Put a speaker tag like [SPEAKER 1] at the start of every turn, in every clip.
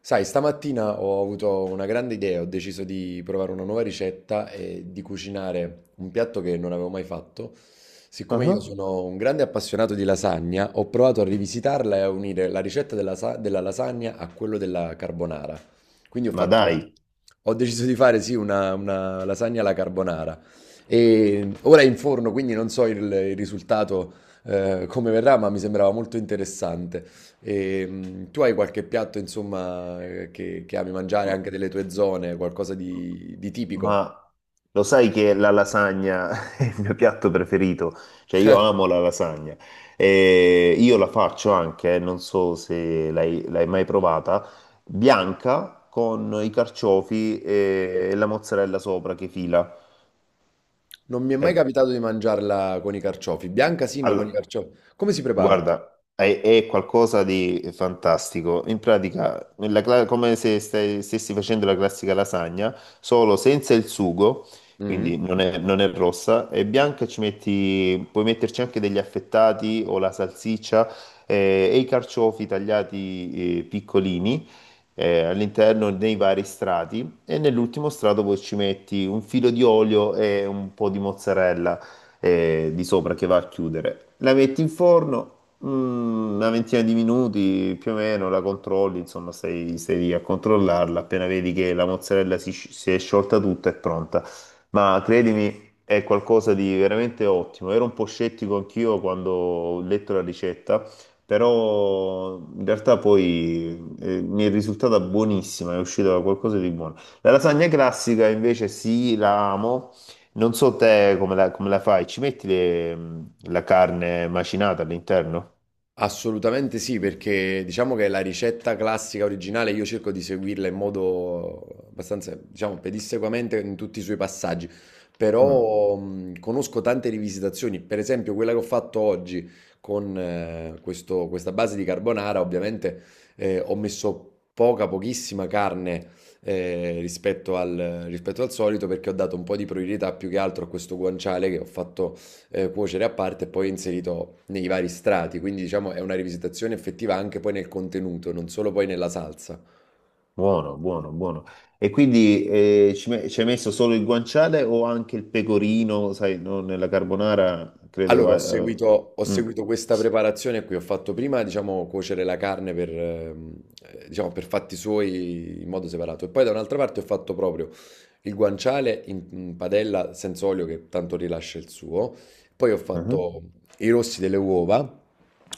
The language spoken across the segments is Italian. [SPEAKER 1] Sai, stamattina ho avuto una grande idea, ho deciso di provare una nuova ricetta e di cucinare un piatto che non avevo mai fatto. Siccome io
[SPEAKER 2] Ah,
[SPEAKER 1] sono un grande appassionato di lasagna, ho provato a rivisitarla e a unire la ricetta della lasagna a quello della carbonara. Quindi ho
[SPEAKER 2] ma dai,
[SPEAKER 1] fatto, Ho deciso di fare sì una lasagna alla carbonara. E ora è in forno, quindi non so il risultato come verrà, ma mi sembrava molto interessante. E, tu hai qualche piatto, insomma, che ami mangiare
[SPEAKER 2] ma,
[SPEAKER 1] anche delle tue zone, qualcosa di tipico?
[SPEAKER 2] ma lo sai che la lasagna è il mio piatto preferito? Cioè io amo la lasagna e io la faccio anche, non so se l'hai mai provata, bianca con i carciofi e la mozzarella sopra che fila.
[SPEAKER 1] Non mi è mai
[SPEAKER 2] E-
[SPEAKER 1] capitato di mangiarla con i carciofi. Bianca sì, ma con i
[SPEAKER 2] all-
[SPEAKER 1] carciofi. Come si prepara?
[SPEAKER 2] Guarda, è qualcosa di fantastico. In pratica, come se stessi facendo la classica lasagna, solo senza il sugo, quindi
[SPEAKER 1] Mhm.
[SPEAKER 2] non è rossa, è bianca e puoi metterci anche degli affettati o la salsiccia e i carciofi tagliati piccolini all'interno dei vari strati e nell'ultimo strato poi ci metti un filo di olio e un po' di mozzarella di sopra che va a chiudere. La metti in forno una ventina di minuti più o meno, la controlli, insomma, stai lì a controllarla. Appena vedi che la mozzarella si è sciolta tutta, è pronta. Ma credimi. È qualcosa di veramente ottimo. Ero un po' scettico anch'io quando ho letto la ricetta, però in realtà poi mi è risultata buonissima, è uscita qualcosa di buono. La lasagna classica invece sì, la amo, non so te come la fai, ci metti la carne macinata all'interno?
[SPEAKER 1] Assolutamente sì, perché diciamo che la ricetta classica originale io cerco di seguirla in modo abbastanza, diciamo, pedissequamente in tutti i suoi passaggi,
[SPEAKER 2] Mm,
[SPEAKER 1] però conosco tante rivisitazioni, per esempio quella che ho fatto oggi con questa base di carbonara, ovviamente ho messo pochissima carne rispetto al solito, perché ho dato un po' di priorità più che altro a questo guanciale che ho fatto cuocere a parte e poi inserito nei vari strati, quindi diciamo è una rivisitazione effettiva anche poi nel contenuto, non solo poi nella salsa.
[SPEAKER 2] buono, buono, buono. E quindi ci hai messo solo il guanciale o anche il pecorino, sai, no, nella carbonara, credo
[SPEAKER 1] Allora,
[SPEAKER 2] va.
[SPEAKER 1] ho
[SPEAKER 2] Mm,
[SPEAKER 1] seguito questa preparazione qui, ho fatto prima, diciamo, cuocere la carne per, diciamo, per fatti suoi in modo separato e poi da un'altra parte ho fatto proprio il guanciale in padella senza olio, che tanto rilascia il suo. Poi ho
[SPEAKER 2] mhm.
[SPEAKER 1] fatto i rossi delle uova,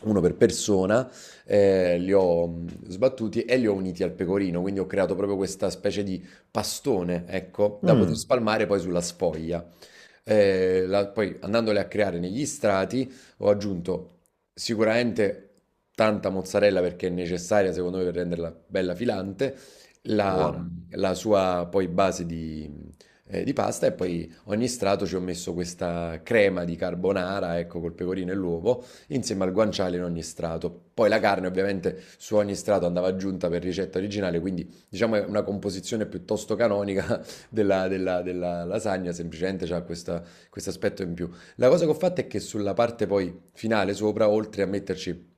[SPEAKER 1] uno per persona, li ho sbattuti e li ho uniti al pecorino, quindi ho creato proprio questa specie di pastone, ecco, da poter
[SPEAKER 2] Mm,
[SPEAKER 1] spalmare poi sulla sfoglia poi andandole a creare negli strati. Ho aggiunto sicuramente tanta mozzarella, perché è necessaria secondo me per renderla bella filante, la,
[SPEAKER 2] buona,
[SPEAKER 1] la sua poi base di pasta. E poi ogni strato ci ho messo questa crema di carbonara, ecco, col pecorino e l'uovo, insieme al guanciale in ogni strato. Poi la carne ovviamente su ogni strato andava aggiunta per ricetta originale, quindi diciamo è una composizione piuttosto canonica della lasagna, semplicemente ha questo aspetto in più. La cosa che ho fatto è che sulla parte poi finale sopra, oltre a metterci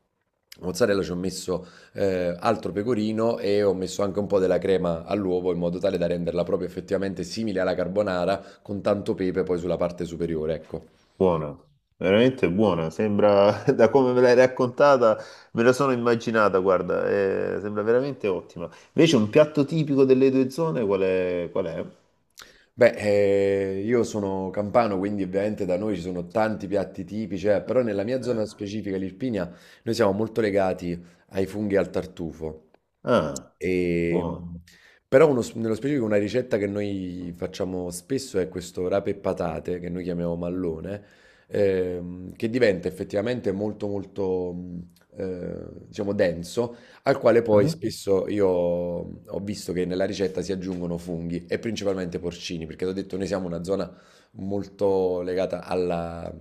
[SPEAKER 1] mozzarella, ci ho messo altro pecorino e ho messo anche un po' della crema all'uovo, in modo tale da renderla proprio effettivamente simile alla carbonara, con tanto pepe poi sulla parte superiore, ecco.
[SPEAKER 2] buona, veramente buona, sembra, da come me l'hai raccontata, me la sono immaginata, guarda, sembra veramente ottima. Invece un piatto tipico delle due zone, qual è? Qual è?
[SPEAKER 1] Beh, io sono campano, quindi ovviamente da noi ci sono tanti piatti tipici, però nella mia zona
[SPEAKER 2] Eh,
[SPEAKER 1] specifica, l'Irpinia, noi siamo molto legati ai funghi e al tartufo.
[SPEAKER 2] Ah.
[SPEAKER 1] E,
[SPEAKER 2] Buono.
[SPEAKER 1] però nello specifico una ricetta che noi facciamo spesso è questo rape e patate, che noi chiamiamo mallone, che diventa effettivamente molto molto diciamo denso, al quale poi
[SPEAKER 2] Eh?
[SPEAKER 1] spesso io ho visto che nella ricetta si aggiungono funghi e principalmente porcini, perché ti ho detto, noi siamo una zona molto legata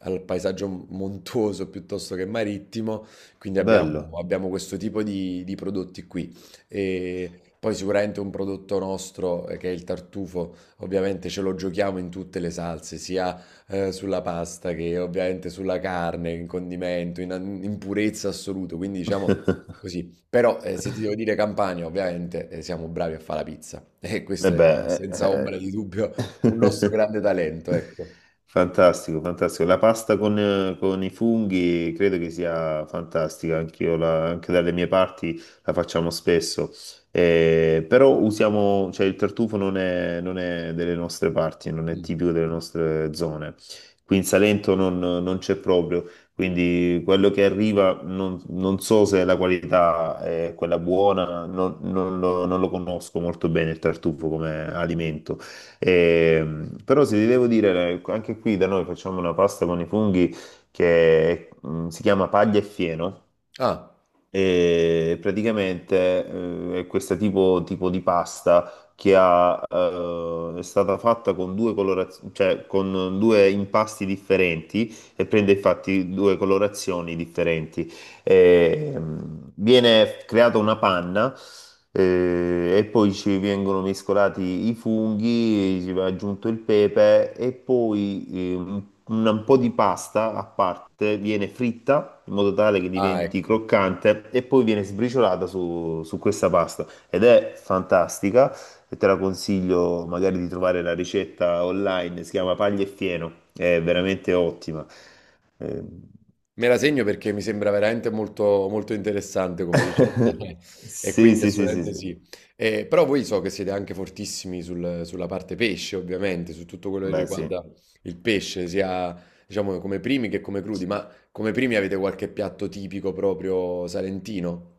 [SPEAKER 1] al paesaggio montuoso piuttosto che marittimo, quindi
[SPEAKER 2] Bello.
[SPEAKER 1] abbiamo questo tipo di prodotti qui. E poi sicuramente un prodotto nostro, che è il tartufo, ovviamente ce lo giochiamo in tutte le salse, sia sulla pasta che ovviamente sulla carne, in condimento, in purezza assoluta, quindi diciamo... Così. Però, se ti devo dire Campania, ovviamente, siamo bravi a fa' la pizza e
[SPEAKER 2] E
[SPEAKER 1] questo è
[SPEAKER 2] beh,
[SPEAKER 1] senza ombra di dubbio un nostro
[SPEAKER 2] eh.
[SPEAKER 1] grande talento, ecco.
[SPEAKER 2] Fantastico, fantastico. La pasta con i funghi credo che sia fantastica, anch'io anche dalle mie parti la facciamo spesso. Però usiamo, cioè il tartufo non è delle nostre parti, non è
[SPEAKER 1] Mh.
[SPEAKER 2] tipico delle nostre zone. Qui in Salento non c'è proprio, quindi quello che arriva non so se la qualità è quella buona, non lo conosco molto bene il tartufo come alimento. E però se ti devo dire, anche qui da noi facciamo una pasta con i funghi che si chiama paglia e fieno.
[SPEAKER 1] Ah.
[SPEAKER 2] E praticamente è questo tipo di pasta è stata fatta con due colorazioni, cioè con due impasti differenti e prende infatti due colorazioni differenti. E, viene creata una panna, e poi ci vengono mescolati i funghi, ci va aggiunto il pepe e poi un un po' di pasta a parte viene fritta in modo tale che
[SPEAKER 1] Ah,
[SPEAKER 2] diventi
[SPEAKER 1] ecco.
[SPEAKER 2] croccante e poi viene sbriciolata su questa pasta ed è fantastica e te la consiglio magari di trovare la ricetta online, si chiama Paglia e Fieno, è veramente ottima. Eh,
[SPEAKER 1] Me la segno, perché mi sembra veramente molto molto interessante come ricetta e
[SPEAKER 2] Sì,
[SPEAKER 1] quindi
[SPEAKER 2] sì, sì, sì,
[SPEAKER 1] assolutamente
[SPEAKER 2] sì.
[SPEAKER 1] sì. Però voi so che siete anche fortissimi sul sulla parte pesce ovviamente, su tutto quello che
[SPEAKER 2] Beh,
[SPEAKER 1] riguarda
[SPEAKER 2] sì.
[SPEAKER 1] il pesce, sia diciamo come primi che come crudi, ma come primi avete qualche piatto tipico proprio salentino?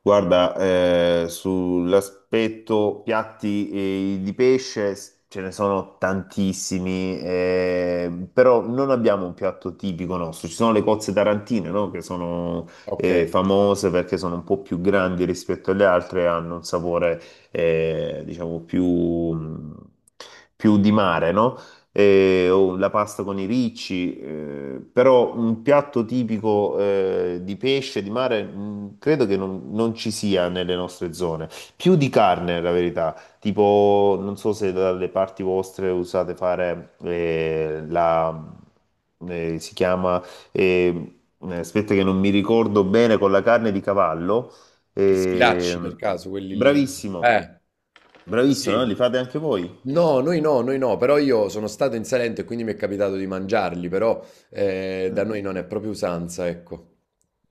[SPEAKER 2] Guarda, sull'aspetto piatti di pesce ce ne sono tantissimi, però non abbiamo un piatto tipico nostro. Ci sono le cozze tarantine, no? Che sono
[SPEAKER 1] Okay.
[SPEAKER 2] famose perché sono un po' più grandi rispetto alle altre e hanno un sapore, diciamo, più di mare, no? O la pasta con i ricci, però un piatto tipico di pesce, di mare, credo che non ci sia nelle nostre zone. Più di carne, la verità. Tipo, non so se dalle parti vostre usate fare la, si chiama, eh, aspetta che non mi ricordo bene, con la carne di cavallo.
[SPEAKER 1] Gli
[SPEAKER 2] Eh,
[SPEAKER 1] sfilacci, per caso, quelli lì?
[SPEAKER 2] bravissimo,
[SPEAKER 1] Eh,
[SPEAKER 2] bravissimo, no?
[SPEAKER 1] sì.
[SPEAKER 2] Li fate anche voi?
[SPEAKER 1] No, noi no, noi no, però io sono stato in Salento e quindi mi è capitato di mangiarli, però da noi non è proprio usanza, ecco.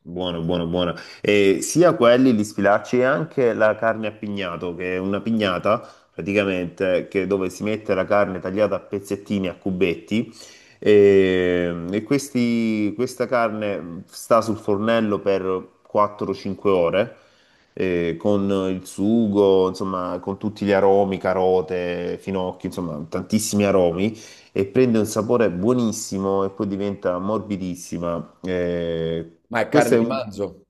[SPEAKER 2] Buono, buono, buono. E sia quelli li sfilacci e anche la carne a pignato, che è una pignata praticamente che dove si mette la carne tagliata a pezzettini, a cubetti. E questa carne sta sul fornello per 4-5 ore con il sugo, insomma, con tutti gli aromi, carote, finocchi, insomma, tantissimi aromi e prende un sapore buonissimo e poi diventa morbidissima.
[SPEAKER 1] Ma è
[SPEAKER 2] Questo
[SPEAKER 1] carne
[SPEAKER 2] è
[SPEAKER 1] di
[SPEAKER 2] un...
[SPEAKER 1] manzo?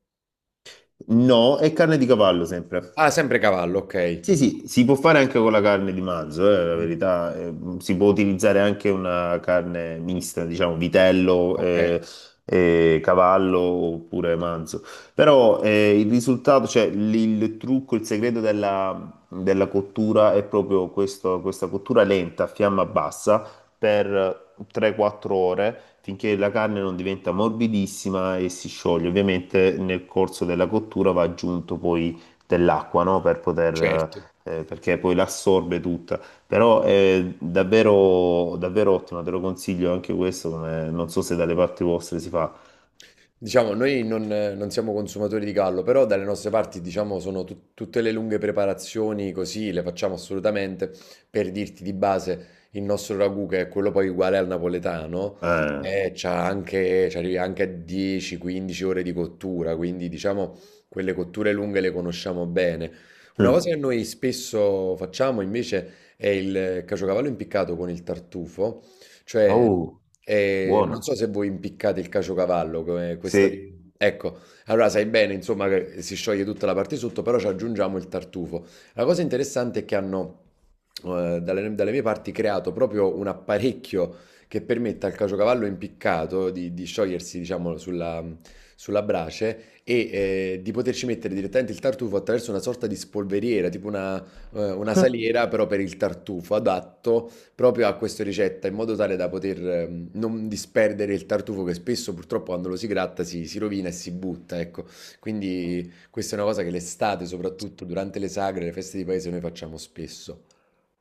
[SPEAKER 2] No, è carne di cavallo sempre.
[SPEAKER 1] Ah, sempre cavallo, ok.
[SPEAKER 2] Sì, sì, si può fare anche con la carne di manzo, la
[SPEAKER 1] Mm,
[SPEAKER 2] verità, si può utilizzare anche una carne mista, diciamo vitello,
[SPEAKER 1] ok,
[SPEAKER 2] cavallo oppure manzo, però il risultato, cioè il trucco, il segreto della cottura è proprio questa cottura lenta a fiamma bassa per 3-4 ore finché la carne non diventa morbidissima e si scioglie. Ovviamente nel corso della cottura va aggiunto poi dell'acqua, no?
[SPEAKER 1] certo.
[SPEAKER 2] Perché poi l'assorbe tutta. Però è davvero, davvero ottimo, te lo consiglio anche questo, non so se dalle parti vostre si fa.
[SPEAKER 1] Diciamo, noi non, non siamo consumatori di gallo, però dalle nostre parti, diciamo, sono tutte le lunghe preparazioni così, le facciamo assolutamente. Per dirti, di base, il nostro ragù, che è quello poi uguale al napoletano,
[SPEAKER 2] Eh.
[SPEAKER 1] c'ha anche, ci arrivi anche a 10-15 ore di cottura, quindi diciamo, quelle cotture lunghe le conosciamo bene. Una
[SPEAKER 2] Mm.
[SPEAKER 1] cosa che noi spesso facciamo invece è il caciocavallo impiccato con il tartufo, cioè,
[SPEAKER 2] Oh,
[SPEAKER 1] non so
[SPEAKER 2] buono.
[SPEAKER 1] se voi impiccate il caciocavallo come questa,
[SPEAKER 2] Sì.
[SPEAKER 1] ecco, allora sai bene insomma che si scioglie tutta la parte sotto, però ci aggiungiamo il tartufo. La cosa interessante è che hanno, dalle mie parti creato proprio un apparecchio che permette al caciocavallo impiccato di sciogliersi diciamo sulla brace e, di poterci mettere direttamente il tartufo attraverso una sorta di spolveriera, tipo una saliera però per il tartufo, adatto proprio a questa ricetta, in modo tale da poter non disperdere il tartufo, che spesso purtroppo quando lo si gratta si rovina e si butta, ecco. Quindi questa è una cosa che l'estate, soprattutto durante le sagre, le feste di paese, noi facciamo spesso.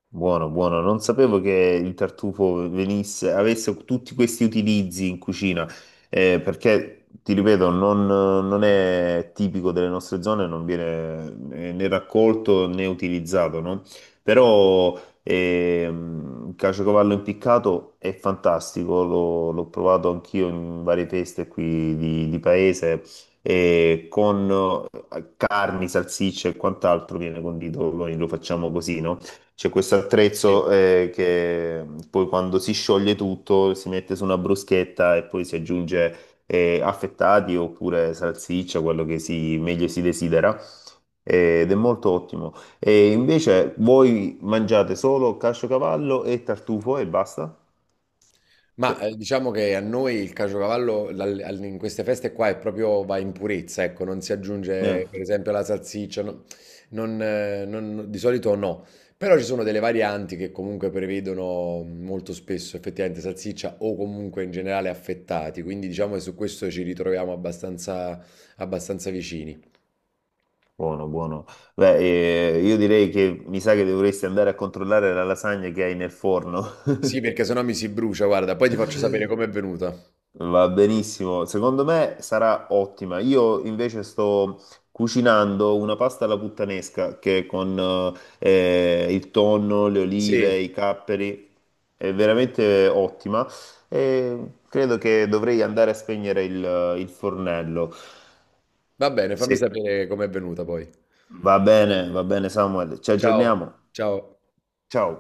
[SPEAKER 2] Buono, buono. Non sapevo che il tartufo venisse, avesse tutti questi utilizzi in cucina, perché, ti ripeto, non è tipico delle nostre zone, non viene né raccolto né utilizzato, no? Però il caciocavallo impiccato è fantastico, l'ho provato anch'io in varie feste qui di paese, e con carni, salsicce e quant'altro viene condito, noi lo facciamo così, no? C'è questo
[SPEAKER 1] Sì.
[SPEAKER 2] attrezzo che poi quando si scioglie tutto si mette su una bruschetta e poi si aggiunge affettati oppure salsiccia, quello che si, meglio si desidera. Ed è molto ottimo. E invece voi mangiate solo casciocavallo e tartufo e basta?
[SPEAKER 1] Ma,
[SPEAKER 2] Cioè,
[SPEAKER 1] diciamo che a noi il caciocavallo dal al in queste feste qua è proprio, va in purezza, ecco, non si
[SPEAKER 2] eh,
[SPEAKER 1] aggiunge per esempio la salsiccia, no, non di solito, no. Però ci sono delle varianti che comunque prevedono molto spesso effettivamente salsiccia o comunque in generale affettati, quindi diciamo che su questo ci ritroviamo abbastanza abbastanza vicini.
[SPEAKER 2] buono, buono. Beh, io direi che mi sa che dovresti andare a controllare la lasagna che hai nel forno.
[SPEAKER 1] Sì, perché se no mi si brucia, guarda, poi ti faccio sapere com'è venuta.
[SPEAKER 2] Va benissimo, secondo me sarà ottima. Io invece sto cucinando una pasta alla puttanesca che con il tonno, le olive,
[SPEAKER 1] Sì,
[SPEAKER 2] i capperi è veramente ottima e credo che dovrei andare a spegnere il fornello.
[SPEAKER 1] va bene, fammi
[SPEAKER 2] Sì,
[SPEAKER 1] sapere com'è venuta poi.
[SPEAKER 2] va bene Samuel, ci
[SPEAKER 1] Ciao,
[SPEAKER 2] aggiorniamo.
[SPEAKER 1] ciao.
[SPEAKER 2] Ciao.